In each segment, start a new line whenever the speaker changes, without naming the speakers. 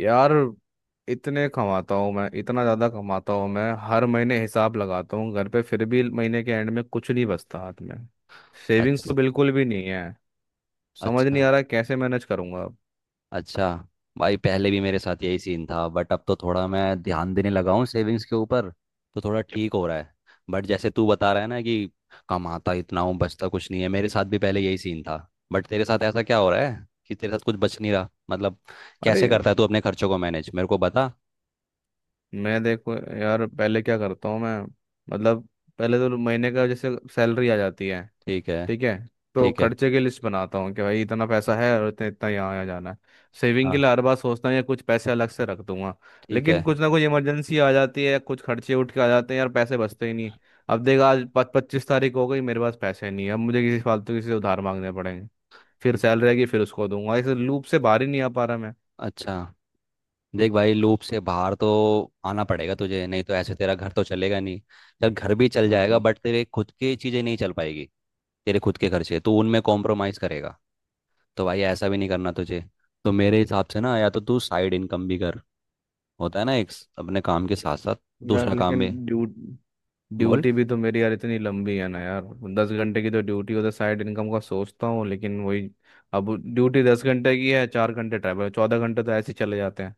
यार, इतने कमाता हूँ मैं, इतना ज़्यादा कमाता हूँ मैं। हर महीने हिसाब लगाता हूँ घर पे, फिर भी महीने के एंड में कुछ नहीं बचता हाथ में। सेविंग्स
अच्छा।
तो बिल्कुल भी नहीं है। समझ नहीं
अच्छा।
आ रहा कैसे मैनेज करूंगा अब।
अच्छा। भाई पहले भी मेरे साथ यही सीन था, बट अब तो थोड़ा मैं ध्यान देने लगा हूँ सेविंग्स के ऊपर। तो थोड़ा ठीक हो रहा है। बट जैसे तू बता रहा है ना कि कमाता इतना हूँ, बचता कुछ नहीं है, मेरे साथ भी पहले यही सीन था। बट तेरे साथ ऐसा क्या हो रहा है कि तेरे साथ कुछ बच नहीं रहा, मतलब
अरे,
कैसे करता है तू अपने खर्चों को मैनेज, मेरे को बता।
मैं देखो यार, पहले क्या करता हूँ मैं, मतलब, पहले तो महीने का जैसे सैलरी आ जाती है।
ठीक है।
ठीक है, तो
ठीक है।
खर्चे की लिस्ट बनाता हूँ कि भाई इतना पैसा है और इतना इतना यहाँ यहाँ जाना है। सेविंग के
हाँ।
लिए हर बार सोचता हूँ या कुछ पैसे अलग से रख दूंगा,
ठीक
लेकिन
है।
कुछ ना कुछ इमरजेंसी आ जाती है या कुछ खर्चे उठ के आ जाते हैं, यार पैसे बचते ही नहीं। अब देख, आज पच पच्चीस तारीख हो गई, मेरे पास पैसे नहीं है, अब मुझे किसी फालतू किसी से उधार मांगने पड़ेंगे। फिर सैलरी आएगी, फिर उसको दूंगा। इस लूप से बाहर ही नहीं आ पा रहा मैं।
अच्छा। देख भाई, लूप से बाहर तो आना पड़ेगा तुझे, नहीं तो ऐसे तेरा घर तो चलेगा नहीं। चल, घर भी चल जाएगा,
बिल्कुल।
बट तेरे खुद की चीज़ें नहीं चल पाएगी। तेरे खुद के खर्चे तो उनमें कॉम्प्रोमाइज़ करेगा, तो भाई ऐसा भी नहीं करना तुझे। तो मेरे हिसाब से ना, या तो तू साइड इनकम भी कर, होता है ना, 1 अपने काम के साथ साथ
यार
दूसरा काम
लेकिन
भी। बोल।
ड्यूटी भी तो मेरी यार इतनी लंबी है ना यार। दस घंटे की तो ड्यूटी, होता साइड इनकम का सोचता हूँ लेकिन वही, अब ड्यूटी 10 घंटे की है, 4 घंटे ट्रैवल, 14 घंटे तो ऐसे ही चले जाते हैं।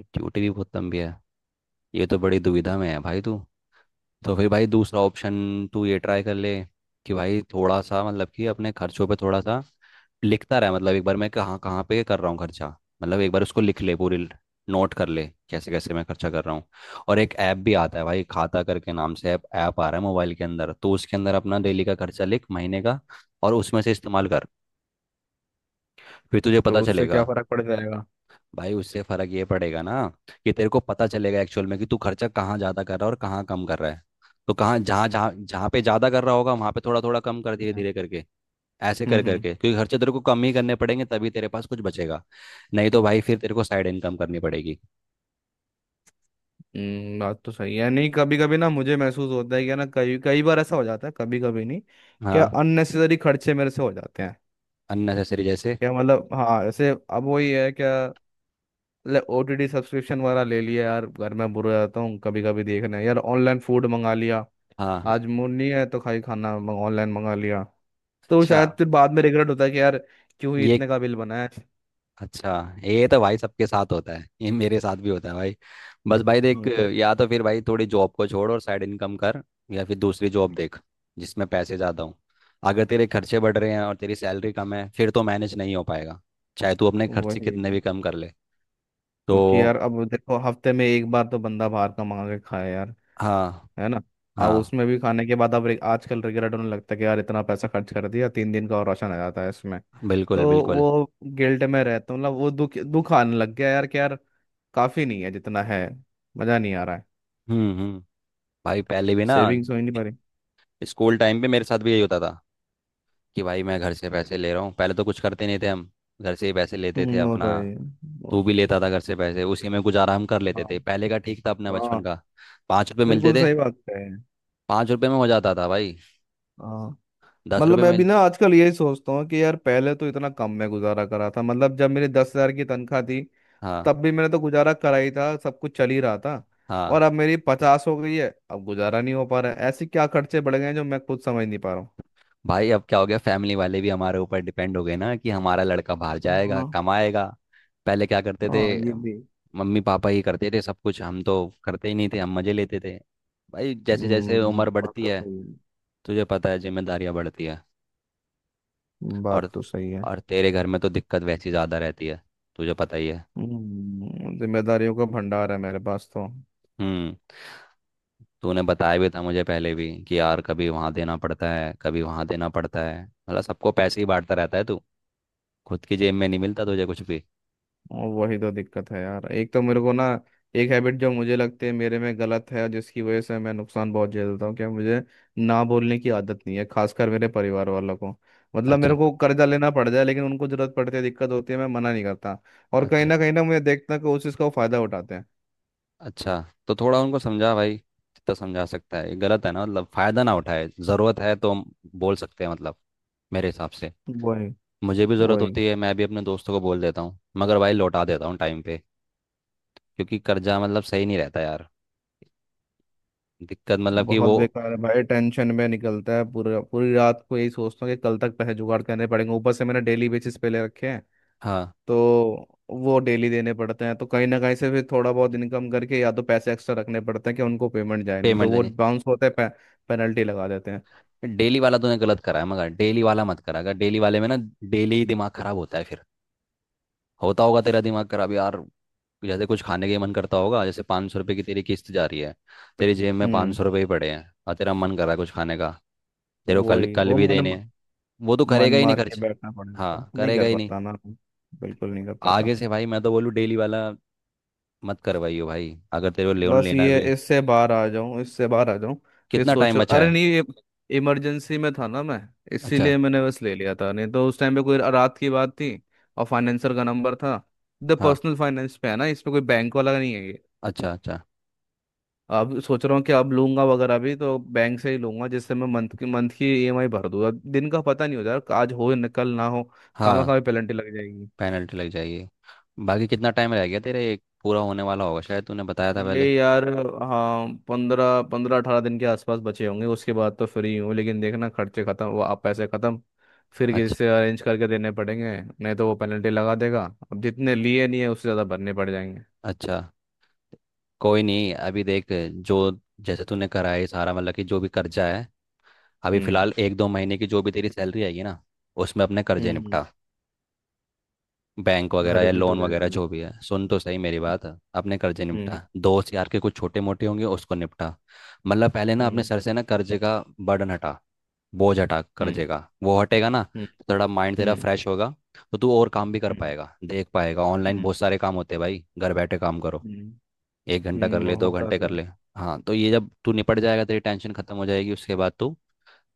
ड्यूटी भी बहुत लंबी है। ये तो बड़ी दुविधा में है भाई तू। तो फिर भाई, दूसरा ऑप्शन तू ये ट्राई कर ले, कि भाई थोड़ा सा मतलब कि अपने खर्चों पे थोड़ा सा लिखता रहे, मतलब एक बार मैं कहाँ कहाँ पे कर रहा हूँ खर्चा, मतलब एक बार उसको लिख ले पूरी, नोट कर ले कैसे कैसे मैं खर्चा कर रहा हूँ। और एक ऐप भी आता है भाई, खाता करके नाम से ऐप, ऐप आ रहा है मोबाइल के अंदर, तो उसके अंदर अपना डेली का खर्चा लिख, महीने का, और उसमें से इस्तेमाल कर। फिर तुझे पता
तो उससे क्या
चलेगा।
फर्क पड़ जाएगा?
भाई उससे फर्क ये पड़ेगा ना, कि तेरे को पता चलेगा एक्चुअल में कि तू खर्चा कहाँ ज्यादा कर रहा है और कहाँ कम कर रहा है। तो कहाँ, जहाँ जहाँ जहाँ पे ज्यादा कर रहा होगा वहां पे थोड़ा थोड़ा कम कर, धीरे
हम्म।
धीरे करके, ऐसे कर
हम्म।
करके, क्योंकि खर्चे तेरे को कम ही करने पड़ेंगे, तभी तेरे पास कुछ बचेगा। नहीं तो भाई फिर तेरे को साइड इनकम करनी पड़ेगी।
बात तो सही है। नहीं, कभी कभी ना मुझे महसूस होता है कि ना, कई कई बार ऐसा हो जाता है, कभी कभी नहीं। क्या
हाँ।
अननेसेसरी खर्चे मेरे से हो जाते हैं।
अननेसेसरी जैसे?
क्या मतलब, हाँ, ऐसे अब वही है क्या। OTT सब्सक्रिप्शन वगैरह ले लिया, यार घर में बुरा जाता हूँ कभी कभी देखना, यार ऑनलाइन फूड मंगा लिया।
हाँ।
आज मूड नहीं है तो खाई खाना ऑनलाइन मंगा लिया। तो
अच्छा।
शायद फिर बाद में रिग्रेट होता है कि यार क्यों ही
ये।
इतने का बिल बनाया।
अच्छा। ये तो भाई सबके साथ होता है, ये मेरे साथ भी होता है भाई। बस भाई देख,
तो
या तो फिर भाई थोड़ी जॉब को छोड़ और साइड इनकम कर, या फिर दूसरी जॉब देख, जिसमें पैसे ज़्यादा हों। अगर तेरे खर्चे बढ़ रहे हैं और तेरी सैलरी कम है, फिर तो मैनेज नहीं हो पाएगा, चाहे तू अपने खर्चे
वही।
कितने भी कम कर ले। तो
क्योंकि यार अब देखो, हफ्ते में एक बार तो बंदा बाहर का मंगा के खाए यार।
हाँ।
है ना। अब
हाँ।
उसमें भी खाने के बाद अब आजकल रिग्रेट होने लगता है कि यार इतना पैसा खर्च कर दिया, 3 दिन का और राशन आ जाता है इसमें।
बिल्कुल
तो
बिल्कुल।
वो गिल्ट में रहता हूँ, मतलब वो दुख दुख आने लग गया यार कि यार, काफी नहीं है जितना है, मजा नहीं आ रहा है।
हम्म। भाई पहले भी ना,
सेविंग्स हो ही नहीं पा रही।
स्कूल टाइम पे मेरे साथ भी यही होता था, कि भाई मैं घर से पैसे ले रहा हूँ, पहले तो कुछ करते नहीं थे हम, घर से ही पैसे लेते थे
वो तो
अपना।
है ही। वो-
तू भी लेता था घर से पैसे, उसी में गुजारा हम कर लेते थे,
हाँ।
पहले का ठीक था अपने
हाँ,
बचपन का। 5 रुपए मिलते
बिल्कुल
थे।
सही बात है।
5 रुपए में हो जाता था भाई।
हाँ,
दस
मतलब
रुपए
मैं भी
मिलते।
ना आजकल यही सोचता हूँ कि यार पहले तो इतना कम में गुजारा करा था, मतलब जब मेरी 10 हजार की तनख्वाह थी,
हाँ।
तब भी मैंने तो गुजारा करा ही था, सब कुछ चल ही रहा था। और
हाँ,
अब मेरी 50 हो गई है, अब गुजारा नहीं हो पा रहा है, ऐसे क्या खर्चे बढ़ गए हैं जो मैं खुद समझ नहीं पा रहा
भाई अब क्या हो गया, फैमिली वाले भी हमारे ऊपर डिपेंड हो गए ना, कि हमारा लड़का बाहर
हूँ।
जाएगा
हाँ।
कमाएगा। पहले क्या करते थे,
हाँ, ये भी।
मम्मी पापा ही करते थे सब कुछ, हम तो करते ही नहीं थे, हम मजे लेते थे। भाई जैसे जैसे
हम्म,
उम्र
बात
बढ़ती
तो
है,
सही है।
तुझे पता है, जिम्मेदारियां बढ़ती है।
बात
और
तो सही है।
और तेरे घर में तो दिक्कत वैसी ज़्यादा रहती है, तुझे पता ही है।
जिम्मेदारियों का भंडार है मेरे पास तो।
हम्म। तूने बताया भी था मुझे पहले भी कि यार कभी वहाँ देना पड़ता है, कभी वहाँ देना पड़ता है, मतलब सबको पैसे ही बांटता रहता है तू, खुद की जेब में नहीं मिलता तुझे कुछ भी।
और वही तो दिक्कत है यार, एक तो मेरे को ना, एक हैबिट जो मुझे लगती है मेरे में गलत है, जिसकी वजह से मैं नुकसान बहुत झेलता हूँ, क्या मुझे ना बोलने की आदत नहीं है, खासकर मेरे परिवार वालों को। मतलब
अच्छा।
मेरे को कर्जा लेना पड़ जाए लेकिन उनको जरूरत पड़ती है, दिक्कत होती है, मैं मना नहीं करता। और
अच्छा।
कहीं ना मुझे देखता है कि उस चीज़ का वो फायदा उठाते हैं।
अच्छा, तो थोड़ा उनको समझा भाई, जितना समझा सकता है, ये गलत है ना, मतलब फ़ायदा ना उठाए, ज़रूरत है तो हम बोल सकते हैं, मतलब मेरे हिसाब से
वही।
मुझे भी ज़रूरत
वही,
होती है, मैं भी अपने दोस्तों को बोल देता हूँ, मगर भाई लौटा देता हूँ टाइम पे, क्योंकि कर्जा मतलब सही नहीं रहता यार, दिक्कत मतलब कि
बहुत
वो।
बेकार है भाई, टेंशन में निकलता है, पूरा पूरी रात को यही सोचता हूँ कि कल तक पैसे जुगाड़ करने पड़ेंगे, ऊपर से मैंने डेली बेसिस पे ले रखे हैं।
हाँ।
तो वो डेली देने पड़ते हैं, तो कहीं ना कहीं से फिर थोड़ा बहुत इनकम करके या तो पैसे एक्स्ट्रा रखने पड़ते हैं कि उनको पेमेंट जाए, नहीं तो
पेमेंट
वो
देनी।
बाउंस होते हैं, पेनल्टी लगा देते हैं।
डेली वाला तूने गलत करा है, मगर डेली वाला मत करा। अगर डेली वाले में ना, डेली ही दिमाग खराब होता है फिर, होता होगा तेरा दिमाग खराब यार। जैसे कुछ खाने का मन करता होगा, जैसे 500 रुपये की तेरी किस्त जा रही है, तेरी जेब में पाँच
हम्म,
सौ रुपये ही पड़े हैं और तेरा मन कर रहा है कुछ खाने का, तेरे को कल
वही।
कल
वो
भी देने
मन
हैं, वो तो
मन
करेगा ही नहीं
मार के
खर्च।
बैठना पड़ेगा,
हाँ
नहीं
करेगा
कर
ही नहीं।
पाता ना। बिल्कुल नहीं कर पाता।
आगे से भाई मैं तो बोलूँ, डेली वाला मत करवाइयो भाई, अगर तेरे को लोन
बस
लेना
ये,
भी है।
इससे बाहर आ जाऊं, इससे बाहर आ जाऊं। फिर
कितना
सोच
टाइम
रहा,
बचा
अरे
है?
नहीं, ये इमरजेंसी में था ना मैं,
अच्छा।
इसीलिए मैंने बस ले लिया था, नहीं तो उस टाइम पे कोई रात की बात थी, और फाइनेंसर का नंबर था। द
हाँ।
पर्सनल फाइनेंस पे है ना, इसमें कोई बैंक वाला नहीं है।
अच्छा। अच्छा।
अब सोच रहा हूँ कि अब लूंगा वगैरह भी तो बैंक से ही लूंगा, जिससे मैं मंथ की EMI भर दूंगा, दिन का पता नहीं होता यार, आज हो या कल ना हो, खामा
हाँ।
खामा पेनल्टी लग जाएगी।
पेनल्टी लग जाएगी। बाकी कितना टाइम रह गया तेरे, एक पूरा होने वाला होगा शायद, तूने बताया था
ये
पहले।
यार, हाँ, पंद्रह पंद्रह अठारह दिन के आसपास बचे होंगे, उसके बाद तो फ्री हूँ। लेकिन देखना खर्चे खत्म, वो आप पैसे खत्म, फिर किसी
अच्छा।
से अरेंज करके देने पड़ेंगे, नहीं तो वो पेनल्टी लगा देगा। अब जितने लिए नहीं है उससे ज़्यादा भरने पड़ जाएंगे।
अच्छा। कोई नहीं, अभी देख, जो, जैसे तूने करा है सारा, मतलब कि जो भी कर्जा है, अभी
हम्म।
फिलहाल एक दो महीने की जो भी तेरी सैलरी आएगी ना, उसमें अपने कर्जे
हम्म,
निपटा। बैंक वगैरह
घर
या
भी तो
लोन
रह।
वगैरह जो भी है, सुन तो सही मेरी बात, अपने कर्जे
हम्म।
निपटा। दोस्त यार के कुछ छोटे मोटे होंगे, उसको निपटा। मतलब पहले ना अपने
हम्म।
सर से ना कर्जे का बर्डन हटा, बोझ हटा, कर
हम्म।
देगा, वो हटेगा ना
हम्म,
तो थोड़ा माइंड तेरा
हम्म,
फ्रेश होगा। तो तू और काम भी कर
हम्म।
पाएगा, देख पाएगा,
हम्म,
ऑनलाइन बहुत सारे काम होते हैं भाई, घर बैठे काम करो।
हम्म।
1 घंटा कर ले, दो
होता
घंटे कर
था।
ले। हाँ, तो ये जब तू निपट जाएगा, तेरी टेंशन खत्म हो जाएगी, उसके बाद तू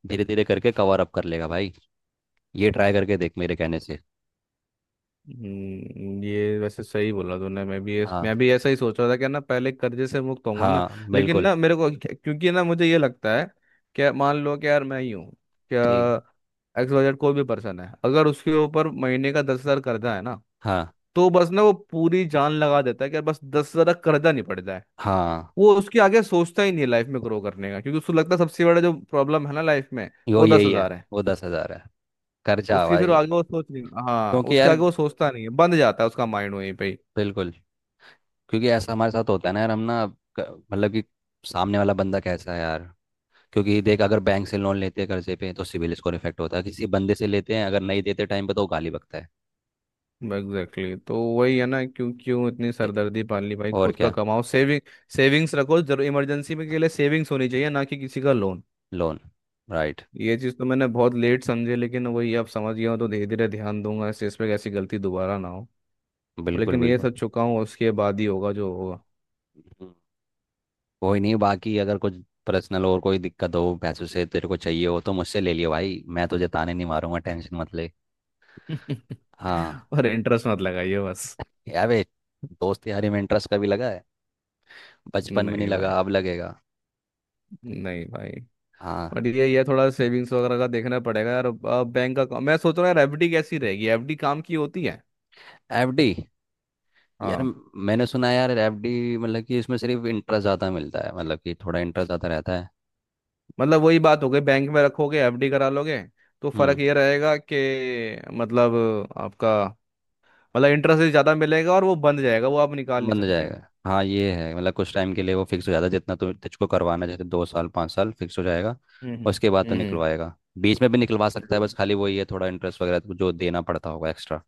धीरे धीरे करके कवर अप कर लेगा भाई। ये ट्राई करके देख मेरे कहने से।
ये वैसे सही बोला तूने। मैं भी इस-
हाँ।
मैं भी ऐसा ही सोच रहा था कि ना पहले कर्जे से मुक्त होऊंगा ना।
हाँ
लेकिन
बिल्कुल।
ना मेरे को, क्योंकि ना मुझे ये लगता है क्या, मान लो कि यार मैं ही हूँ क्या,
ठीक।
XYZ कोई भी पर्सन है, अगर उसके ऊपर महीने का 10 हजार कर्जा है ना,
हाँ।
तो बस ना वो पूरी जान लगा देता है कि यार बस 10 हजार कर्जा नहीं पड़ जाए।
हाँ।
वो उसके आगे सोचता ही नहीं है लाइफ में ग्रो करने का, क्योंकि उसको लगता है सबसे बड़ा जो प्रॉब्लम है ना लाइफ में,
यो
वो दस
यही है।
हजार है।
वो 10 हजार है। खर्चा
उसकी फिर
भाई।
आगे वो सोच नहीं, हाँ
क्योंकि
उसके
यार,
आगे वो सोचता नहीं है, बंद जाता है उसका माइंड वहीं पे ही।
बिल्कुल। क्योंकि ऐसा हमारे साथ होता है ना यार, हम ना मतलब कि सामने वाला बंदा कैसा है यार। क्योंकि देख, अगर बैंक से लोन लेते हैं कर्जे पे तो सिविल स्कोर इफेक्ट होता है, किसी बंदे से लेते हैं अगर नहीं देते टाइम पे तो वो गाली बकता है।
Exactly, exactly। तो वही है ना, क्यों क्यों इतनी
ए-
सरदर्दी पाल ली। भाई
और
खुद का
क्या।
कमाओ, सेविंग सेविंग्स रखो जरूर, इमरजेंसी में के लिए सेविंग्स होनी चाहिए, ना कि किसी का लोन।
लोन। राइट।
ये चीज़ तो मैंने बहुत लेट समझी, लेकिन वही अब समझ गया हूँ, तो धीरे धीरे ध्यान दूंगा इस पे, ऐसी गलती दोबारा ना हो।
बिल्कुल
लेकिन ये
बिल्कुल।
सब चुका हूँ उसके बाद ही होगा जो होगा।
हम्म। कोई नहीं, बाकी अगर कुछ पर्सनल और कोई दिक्कत हो पैसों से, तेरे को चाहिए हो तो मुझसे ले लियो भाई, मैं तुझे ताने नहीं मारूंगा, टेंशन मत ले। हाँ,
और इंटरेस्ट मत लगाइए बस।
यार वे, दोस्त यारी में इंटरेस्ट कभी लगा है? बचपन में नहीं
नहीं भाई,
लगा, अब लगेगा?
नहीं भाई।
हाँ।
बट ये थोड़ा सेविंग्स वगैरह का देखना पड़ेगा यार। बैंक का मैं सोच रहा हूँ यार, FD कैसी रहेगी, FD काम की होती है।
एफडी। यार
हाँ।
मैंने सुना है यार, एफडी मतलब कि इसमें सिर्फ इंटरेस्ट ज़्यादा मिलता है, मतलब कि थोड़ा इंटरेस्ट ज़्यादा रहता है।
मतलब वही बात हो गई, बैंक में रखोगे FD करा लोगे, तो फर्क
हम्म।
ये रहेगा कि, मतलब आपका, मतलब इंटरेस्ट ज्यादा मिलेगा और वो बंद जाएगा, वो आप निकाल नहीं
बंद हो
सकते हैं।
जाएगा, हाँ ये है, मतलब कुछ टाइम के लिए वो फिक्स हो जाता है जितना तु तुझको करवाना है, जैसे 2 साल, 5 साल फिक्स हो जाएगा और
हम्म।
उसके बाद तो
हम्म,
निकलवाएगा, बीच में भी निकलवा सकता है, बस खाली वही है थोड़ा इंटरेस्ट वगैरह तो जो देना पड़ता होगा एक्स्ट्रा।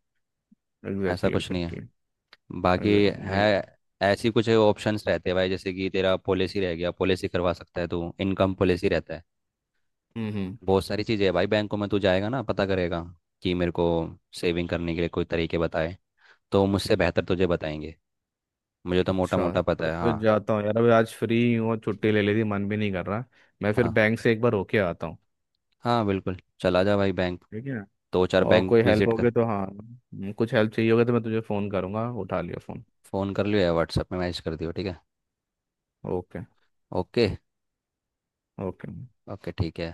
ऐसा
एग्जैक्टली
कुछ नहीं है।
एग्जैक्टली।
बाकी है,
नहीं है।
ऐसी कुछ ऑप्शंस रहते हैं भाई, जैसे कि तेरा पॉलिसी रह गया, पॉलिसी करवा सकता है तू, इनकम पॉलिसी रहता है।
हम्म। हम्म।
बहुत सारी चीज़ें है भाई, बैंकों में तू जाएगा ना, पता करेगा कि मेरे को सेविंग करने के लिए कोई तरीके बताए, तो मुझसे बेहतर तुझे बताएंगे। मुझे तो मोटा
अच्छा,
मोटा पता
तो
है।
फिर
हाँ।
जाता हूँ यार, अभी आज फ्री हूँ और छुट्टी ले ली थी, मन भी नहीं कर रहा। मैं फिर
हाँ।
बैंक से एक बार होके आता हूँ।
हाँ बिल्कुल। चला जा भाई बैंक।
ठीक है।
दो चार
और
बैंक
कोई हेल्प
विजिट कर।
होगी तो, हाँ कुछ हेल्प चाहिए होगी तो मैं तुझे फ़ोन करूँगा, उठा लियो फ़ोन।
फ़ोन कर लियो या व्हाट्सएप में मैसेज कर दियो, ठीक है?
ओके।
ओके।
ओके।
ओके। ठीक है।